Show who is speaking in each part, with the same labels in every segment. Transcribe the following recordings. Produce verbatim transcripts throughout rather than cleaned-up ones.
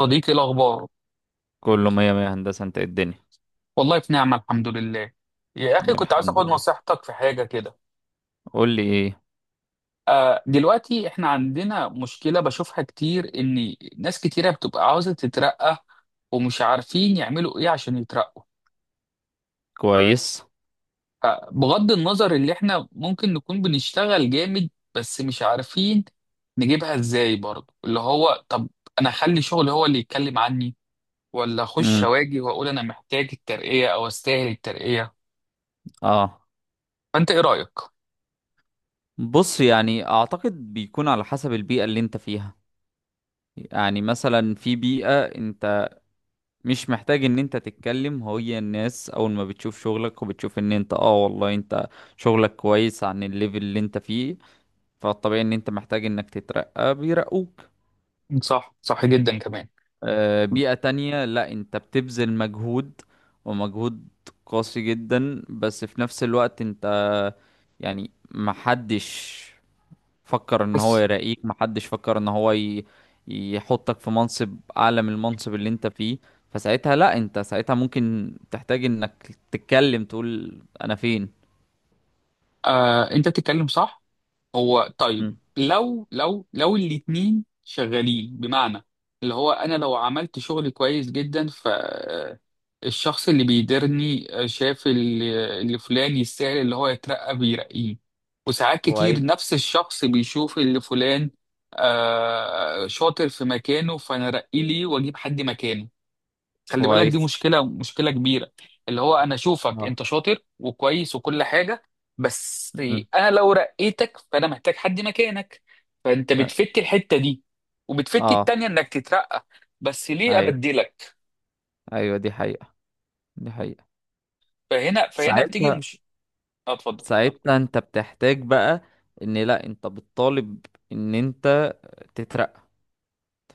Speaker 1: صديقي، إيه الأخبار؟
Speaker 2: كله مية مية، هندسة. انت ايه الدنيا؟
Speaker 1: والله في نعمة الحمد لله. يا أخي كنت عايز
Speaker 2: الحمد
Speaker 1: أخد
Speaker 2: لله.
Speaker 1: نصيحتك في حاجة كده.
Speaker 2: قول لي ايه.
Speaker 1: آه دلوقتي إحنا عندنا مشكلة بشوفها كتير إن ناس كتيرة بتبقى عاوزة تترقى ومش عارفين يعملوا إيه عشان يترقوا.
Speaker 2: كويس.
Speaker 1: آه بغض النظر اللي إحنا ممكن نكون بنشتغل جامد بس مش عارفين نجيبها إزاي، برضه اللي هو طب أنا أخلي شغلي هو اللي يتكلم عني، ولا أخش
Speaker 2: امم.
Speaker 1: أواجه وأقول أنا محتاج الترقية أو أستاهل الترقية؟
Speaker 2: اه.
Speaker 1: فأنت إيه رأيك؟
Speaker 2: بص، يعني اعتقد بيكون على حسب البيئة اللي انت فيها. يعني مثلا في بيئة انت مش محتاج ان انت تتكلم، هي الناس اول ما بتشوف شغلك وبتشوف ان انت اه والله انت شغلك كويس عن الليفل اللي انت فيه، فالطبيعي ان انت محتاج انك تترقى بيرقوك.
Speaker 1: صح، صح جدا كمان.
Speaker 2: آه بيئة تانية لا، انت بتبذل مجهود ومجهود قاسي جدا، بس في نفس الوقت انت يعني محدش فكر ان هو
Speaker 1: بس
Speaker 2: يراقيك، محدش فكر ان هو ي... يحطك في منصب اعلى من المنصب اللي انت فيه. فساعتها لا، انت ساعتها ممكن تحتاج انك تتكلم تقول انا فين.
Speaker 1: آه انت بتتكلم صح. هو طيب،
Speaker 2: مم.
Speaker 1: لو لو لو الاتنين شغالين، بمعنى اللي هو انا لو عملت شغل كويس جدا، ف آه، الشخص اللي بيديرني آه، شاف اللي اللي فلان يستاهل اللي هو يترقى بيرقيه. وساعات كتير
Speaker 2: كويس.
Speaker 1: نفس الشخص بيشوف اللي فلان آه شاطر في مكانه، فانا ارقيه ليه واجيب حد مكانه؟ خلي بالك، دي
Speaker 2: كويس.
Speaker 1: مشكلة، مشكلة كبيرة. اللي هو أنا أشوفك
Speaker 2: اه.
Speaker 1: أنت شاطر وكويس وكل حاجة، بس
Speaker 2: مم.
Speaker 1: أنا لو رقيتك فأنا محتاج حد مكانك. فأنت
Speaker 2: ف-
Speaker 1: بتفت الحتة دي وبتفت
Speaker 2: اه.
Speaker 1: التانية إنك تترقى، بس ليه
Speaker 2: ايوه.
Speaker 1: أبدلك؟
Speaker 2: ايوه، دي حقيقة. دي حقيقة.
Speaker 1: فهنا فهنا بتيجي
Speaker 2: ساعتها
Speaker 1: مش... آه، أتفضل.
Speaker 2: ساعتها انت بتحتاج بقى ان لا، انت بتطالب ان انت تترقى.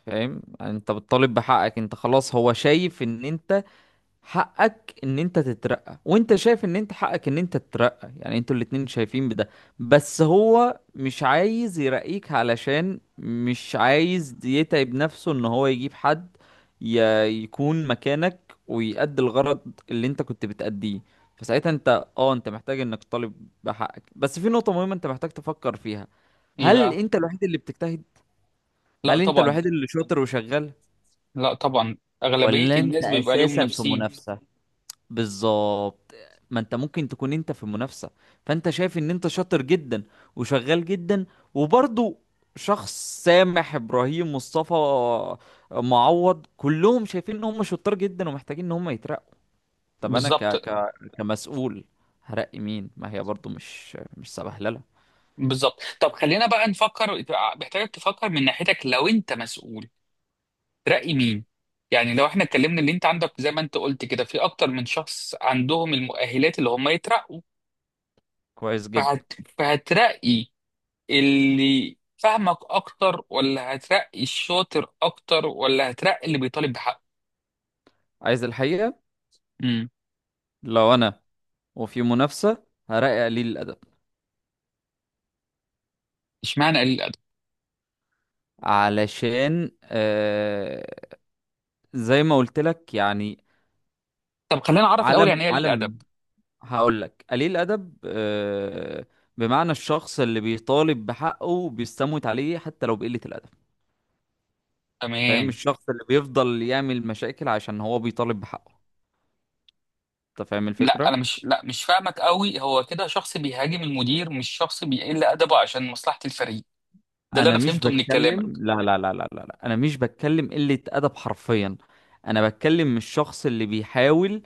Speaker 2: فاهم؟ يعني انت بتطالب بحقك، انت خلاص هو شايف ان انت حقك ان انت تترقى، وانت شايف ان انت حقك ان انت تترقى، يعني انتوا الاتنين شايفين بده. بس هو مش عايز يرقيك علشان مش عايز يتعب نفسه ان هو يجيب حد ي- يكون مكانك ويأدي الغرض اللي انت كنت بتأديه. فساعتها انت اه انت محتاج انك تطالب بحقك، بس في نقطة مهمة انت محتاج تفكر فيها.
Speaker 1: إيه
Speaker 2: هل
Speaker 1: بقى؟
Speaker 2: انت الوحيد اللي بتجتهد؟
Speaker 1: لا
Speaker 2: هل انت
Speaker 1: طبعا.
Speaker 2: الوحيد اللي شاطر وشغال؟
Speaker 1: لا طبعا، أغلبية
Speaker 2: ولا انت
Speaker 1: الناس بيبقى ليهم
Speaker 2: اساسا في
Speaker 1: نفسين.
Speaker 2: منافسة؟ بالظبط. ما انت ممكن تكون انت في منافسة، فانت شايف ان انت شاطر جدا وشغال جدا، وبرضه شخص سامح، ابراهيم، مصطفى، معوض كلهم شايفين ان هم شطار جدا ومحتاجين ان هم يترقوا. طب انا ك...
Speaker 1: بالظبط.
Speaker 2: ك... كمسؤول هرقي مين؟ ما هي برضه مش مش سبهلله.
Speaker 1: بالظبط، طب خلينا بقى نفكر. محتاجك تفكر من ناحيتك لو أنت مسؤول، ترقي مين؟ يعني لو احنا اتكلمنا اللي انت عندك زي ما انت قلت كده، في اكتر من شخص عندهم المؤهلات اللي هم يترقوا.
Speaker 2: كويس جدا.
Speaker 1: فهت... فهترقي اللي فاهمك اكتر، ولا هترقي الشاطر اكتر، ولا هترقي اللي بيطالب بحقه؟
Speaker 2: عايز الحقيقة؟
Speaker 1: امم
Speaker 2: لو انا وفي منافسة هرقي قليل الادب.
Speaker 1: اشمعنى قليل الادب؟
Speaker 2: علشان آه، زي ما قلت لك يعني.
Speaker 1: طب خلينا نعرف الاول
Speaker 2: عالم
Speaker 1: يعني ايه قليل الادب.
Speaker 2: عالم. هقول لك قليل الادب آه، بمعنى الشخص اللي بيطالب بحقه بيستموت عليه حتى لو بقلة الادب. انت فاهم؟
Speaker 1: تمام.
Speaker 2: الشخص اللي بيفضل يعمل مشاكل عشان هو بيطالب بحقه. انت فاهم
Speaker 1: لا، انا
Speaker 2: الفكرة؟
Speaker 1: مش، لا مش فاهمك قوي. هو كده شخص بيهاجم المدير، مش شخص بيقل ادبه عشان مصلحة الفريق. ده اللي
Speaker 2: انا
Speaker 1: انا
Speaker 2: مش
Speaker 1: فهمته من
Speaker 2: بتكلم
Speaker 1: كلامك.
Speaker 2: لا، لا، لا، لا، لا، لا. انا مش بتكلم قلة ادب حرفيا. انا بتكلم الشخص اللي بيحاول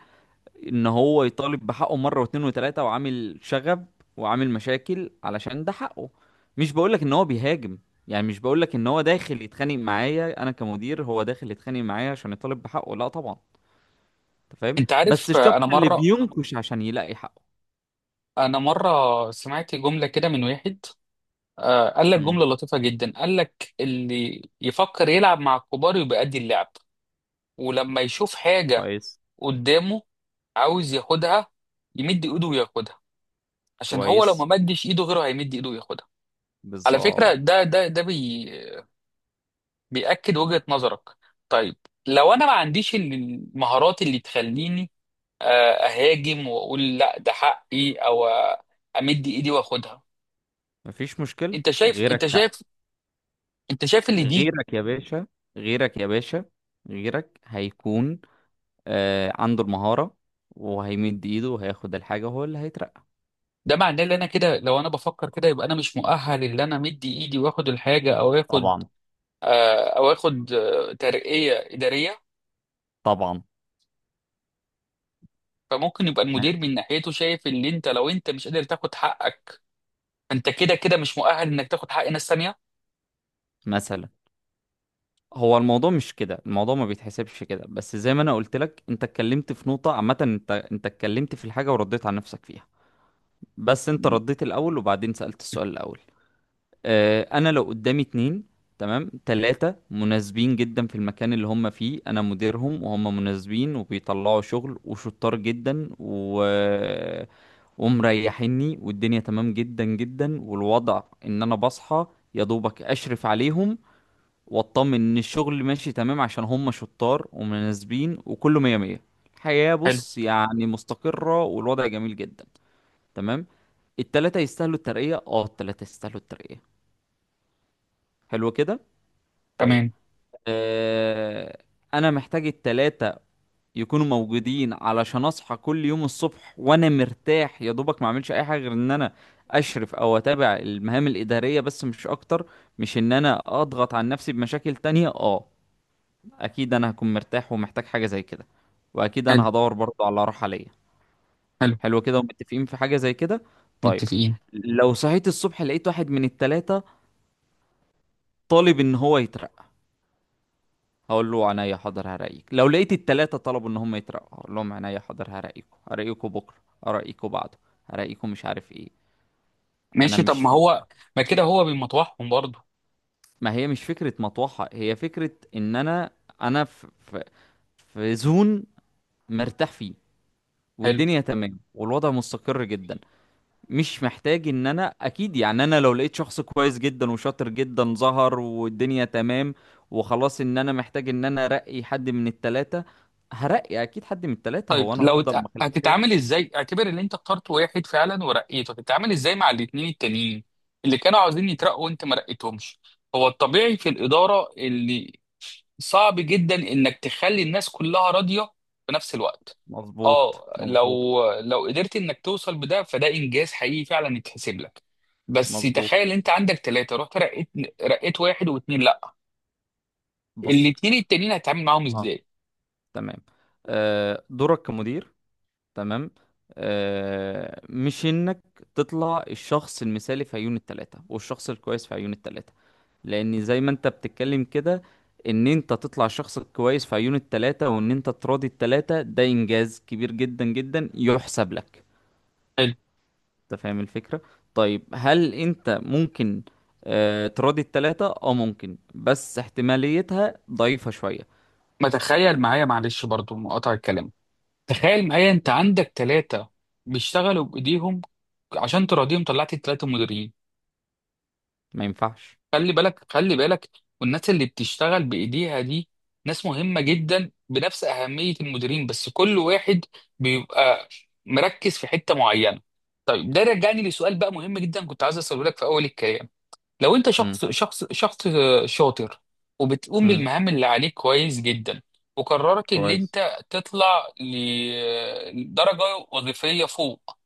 Speaker 2: ان هو يطالب بحقه مره واتنين وتلاته وعامل شغب وعامل مشاكل علشان ده حقه. مش بقولك ان هو بيهاجم، يعني مش بقولك ان هو داخل يتخانق معايا انا كمدير، هو داخل يتخانق معايا عشان يطالب بحقه لا طبعا. انت فاهم؟
Speaker 1: انت
Speaker 2: بس
Speaker 1: عارف، آه،
Speaker 2: الشخص
Speaker 1: انا
Speaker 2: اللي
Speaker 1: مره
Speaker 2: بينكش عشان يلاقي حقه.
Speaker 1: أنا مرة سمعت جملة كده من واحد، آه، قال لك
Speaker 2: امم.
Speaker 1: جملة لطيفة جدا، قال لك اللي يفكر يلعب مع الكبار يبقى قد اللعب. ولما يشوف حاجة
Speaker 2: كويس.
Speaker 1: قدامه عاوز ياخدها، يمد إيده وياخدها، عشان هو لو ما
Speaker 2: كويس.
Speaker 1: مدش إيده غيره هيمد إيده وياخدها. على فكرة
Speaker 2: بالظبط.
Speaker 1: ده ده ده بي بيأكد وجهة نظرك. طيب، لو أنا ما عنديش المهارات اللي تخليني آه، أهاجم وأقول لا ده حقي، أو آه، أمد إيدي وأخدها؟
Speaker 2: مفيش مشكلة.
Speaker 1: انت شايف
Speaker 2: غيرك.
Speaker 1: انت شايف انت شايف اللي دي؟
Speaker 2: غيرك يا باشا. غيرك يا باشا. غيرك هيكون آه عنده المهارة، وهيمد ايده وهياخد الحاجة، هو اللي هيترقى.
Speaker 1: ده معناه ان انا كده لو انا بفكر كده يبقى انا مش مؤهل ان انا مدي ايدي واخد الحاجه، او اخد
Speaker 2: طبعا.
Speaker 1: آه او اخد آه ترقيه اداريه.
Speaker 2: طبعا.
Speaker 1: فممكن يبقى
Speaker 2: م-
Speaker 1: المدير من ناحيته شايف ان انت لو انت مش قادر تاخد حقك، انت كده كده مش مؤهل انك تاخد حق ناس تانيه.
Speaker 2: مثلا هو الموضوع مش كده، الموضوع ما بيتحسبش كده، بس زي ما انا قلت لك انت اتكلمت في نقطة عامة، انت انت اتكلمت في الحاجة ورديت على نفسك فيها، بس انت رديت الاول وبعدين سألت السؤال الاول. اه، انا لو قدامي اتنين، تمام، تلاتة مناسبين جدا في المكان اللي هم فيه، انا مديرهم وهم مناسبين وبيطلعوا شغل وشطار جدا و ومريحيني، والدنيا تمام جدا جدا، والوضع ان انا بصحى يا دوبك اشرف عليهم واطمن ان الشغل ماشي تمام عشان هم شطار ومناسبين وكله مية مية. الحياة
Speaker 1: حلو.
Speaker 2: بص يعني مستقرة والوضع جميل جدا. تمام. التلاتة يستاهلوا الترقية، اه التلاتة يستاهلوا الترقية. حلو كده. طيب.
Speaker 1: تمام.
Speaker 2: آه. انا محتاج التلاتة يكونوا موجودين علشان اصحى كل يوم الصبح وانا مرتاح يا دوبك، ما اعملش اي حاجة غير ان انا اشرف او اتابع المهام الادارية بس مش اكتر. مش ان انا اضغط عن نفسي بمشاكل تانية. اه اكيد انا هكون مرتاح ومحتاج حاجه زي كده، واكيد
Speaker 1: حلو،
Speaker 2: انا هدور برضو على راحه ليا.
Speaker 1: حلو.
Speaker 2: حلو كده ومتفقين في حاجه زي كده. طيب.
Speaker 1: متفقين.
Speaker 2: لو صحيت الصبح لقيت واحد من التلاتة طالب ان هو يترقى، هقول له عينيا حاضر هرقيك. لو لقيت التلاتة طلبوا ان هم يترقوا، هقول لهم عينيا حاضر هرقيكوا، هرقيكوا بكره، هرقيكوا بعده، هرقيكوا مش عارف ايه. انا
Speaker 1: ماشي، طب ما
Speaker 2: مش
Speaker 1: هو ما كده هو بيمطوحهم برضه.
Speaker 2: ما هي مش فكره مطوحه، هي فكره ان انا انا في في, في زون مرتاح فيه،
Speaker 1: حلو.
Speaker 2: والدنيا تمام والوضع مستقر جدا. مش محتاج ان انا، اكيد يعني انا لو لقيت شخص كويس جدا وشاطر جدا ظهر والدنيا تمام وخلاص ان انا محتاج ان انا ارقي حد من التلاتة هرقي اكيد حد من التلاتة،
Speaker 1: طيب،
Speaker 2: هو انا
Speaker 1: لو
Speaker 2: هفضل
Speaker 1: ت-
Speaker 2: مخليهم كده؟
Speaker 1: هتتعامل ازاي؟ اعتبر ان انت اخترت واحد فعلا ورقيته، هتتعامل ازاي مع الاتنين التانيين اللي كانوا عاوزين يترقوا وانت ما رقيتهمش؟ هو الطبيعي في الإدارة اللي صعب جدا انك تخلي الناس كلها راضية في نفس الوقت.
Speaker 2: مظبوط.
Speaker 1: اه، لو
Speaker 2: مظبوط.
Speaker 1: لو قدرت انك توصل بده فده انجاز حقيقي فعلا يتحسب لك. بس
Speaker 2: مظبوط.
Speaker 1: تخيل انت عندك ثلاثة، رحت رقيت رقيت واحد واتنين، لا،
Speaker 2: بص.
Speaker 1: الاتنين التانيين هتتعامل معاهم
Speaker 2: اه
Speaker 1: ازاي؟
Speaker 2: تمام. آه دورك كمدير، تمام، آه مش انك تطلع الشخص المثالي في عيون التلاتة والشخص الكويس في عيون التلاتة. لان زي ما انت بتتكلم كده، ان انت تطلع شخص كويس في عيون التلاتة وان انت تراضي التلاتة، ده انجاز كبير جدا جدا يحسب لك.
Speaker 1: حلو.
Speaker 2: انت فاهم الفكرة؟ طيب هل انت ممكن آه تراضي التلاتة؟ اه ممكن، بس احتماليتها ضعيفة شوية.
Speaker 1: ما تخيل معايا، معلش برضو مقاطع الكلام، تخيل معايا انت عندك ثلاثة بيشتغلوا بايديهم، عشان تراضيهم طلعت الثلاثة مديرين.
Speaker 2: ما ينفعش.
Speaker 1: خلي بالك، خلي بالك، والناس اللي بتشتغل بايديها دي ناس مهمة جدا بنفس أهمية المديرين، بس كل واحد بيبقى مركز في حتة معينة. طيب، ده رجعني لسؤال بقى مهم جدا كنت عايز اساله لك في اول الكلام. لو انت
Speaker 2: مم.
Speaker 1: شخص شخص شخص شاطر وبتقوم
Speaker 2: مم.
Speaker 1: بالمهام اللي عليك كويس جدا، وقررت ان
Speaker 2: كويس.
Speaker 1: انت تطلع لدرجة وظيفية فوق،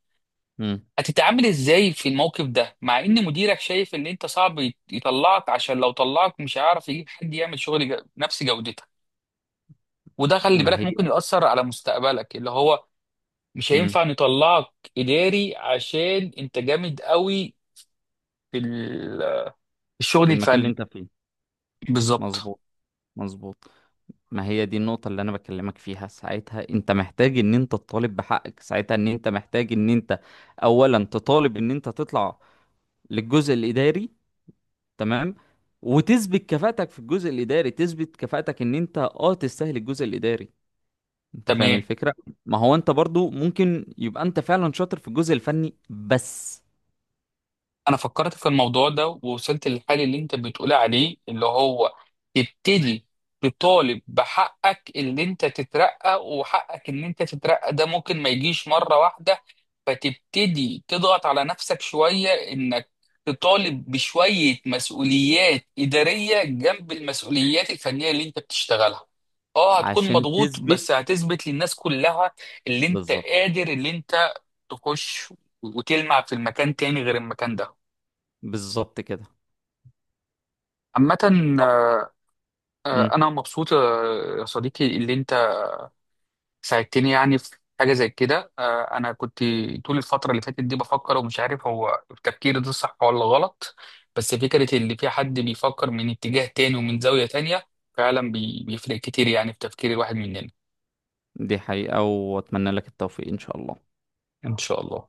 Speaker 2: مم.
Speaker 1: هتتعامل ازاي في الموقف ده مع ان مديرك شايف ان انت صعب يت- يطلعك عشان لو طلعك مش هيعرف يجيب حد يعمل شغل ج- نفس جودتك؟ وده خلي
Speaker 2: ما
Speaker 1: بالك
Speaker 2: هي.
Speaker 1: ممكن يأثر على مستقبلك اللي هو مش
Speaker 2: مم.
Speaker 1: هينفع نطلعك إداري عشان انت جامد قوي في ال- الشغل
Speaker 2: في المكان اللي
Speaker 1: الفني.
Speaker 2: انت فيه
Speaker 1: بالظبط.
Speaker 2: مظبوط. مظبوط. ما هي دي النقطة اللي أنا بكلمك فيها، ساعتها أنت محتاج إن أنت تطالب بحقك، ساعتها إن أنت محتاج إن أنت أولا تطالب إن أنت تطلع للجزء الإداري، تمام، وتثبت كفاءتك في الجزء الإداري، تثبت كفاءتك إن أنت أه تستاهل الجزء الإداري. أنت فاهم
Speaker 1: تمام.
Speaker 2: الفكرة؟ ما هو أنت برضو ممكن يبقى أنت فعلا شاطر في الجزء الفني، بس
Speaker 1: انا فكرت في الموضوع ده ووصلت للحل اللي انت بتقول عليه، اللي هو تبتدي تطالب بحقك اللي انت تترقى، وحقك ان انت تترقى ده ممكن ما يجيش مرة واحدة. فتبتدي تضغط على نفسك شوية انك تطالب بشوية مسؤوليات إدارية جنب المسؤوليات الفنية اللي انت بتشتغلها. اه هتكون
Speaker 2: عشان
Speaker 1: مضغوط،
Speaker 2: تثبت.
Speaker 1: بس هتثبت للناس كلها اللي انت
Speaker 2: بالظبط.
Speaker 1: قادر، اللي انت تخش وتلمع في المكان تاني غير المكان ده.
Speaker 2: بالظبط كده.
Speaker 1: عامة،
Speaker 2: طب.
Speaker 1: آه،
Speaker 2: مم.
Speaker 1: أنا مبسوط آه، يا صديقي اللي أنت ساعدتني يعني في حاجة زي كده. آه، أنا كنت طول الفترة اللي فاتت دي بفكر ومش عارف هو التفكير ده صح ولا غلط، بس فكرة اللي في حد بيفكر من اتجاه تاني ومن زاوية تانية فعلا بي- بيفرق كتير يعني في تفكير الواحد مننا.
Speaker 2: دي حقيقة وأتمنى لك التوفيق إن شاء الله.
Speaker 1: إن شاء الله.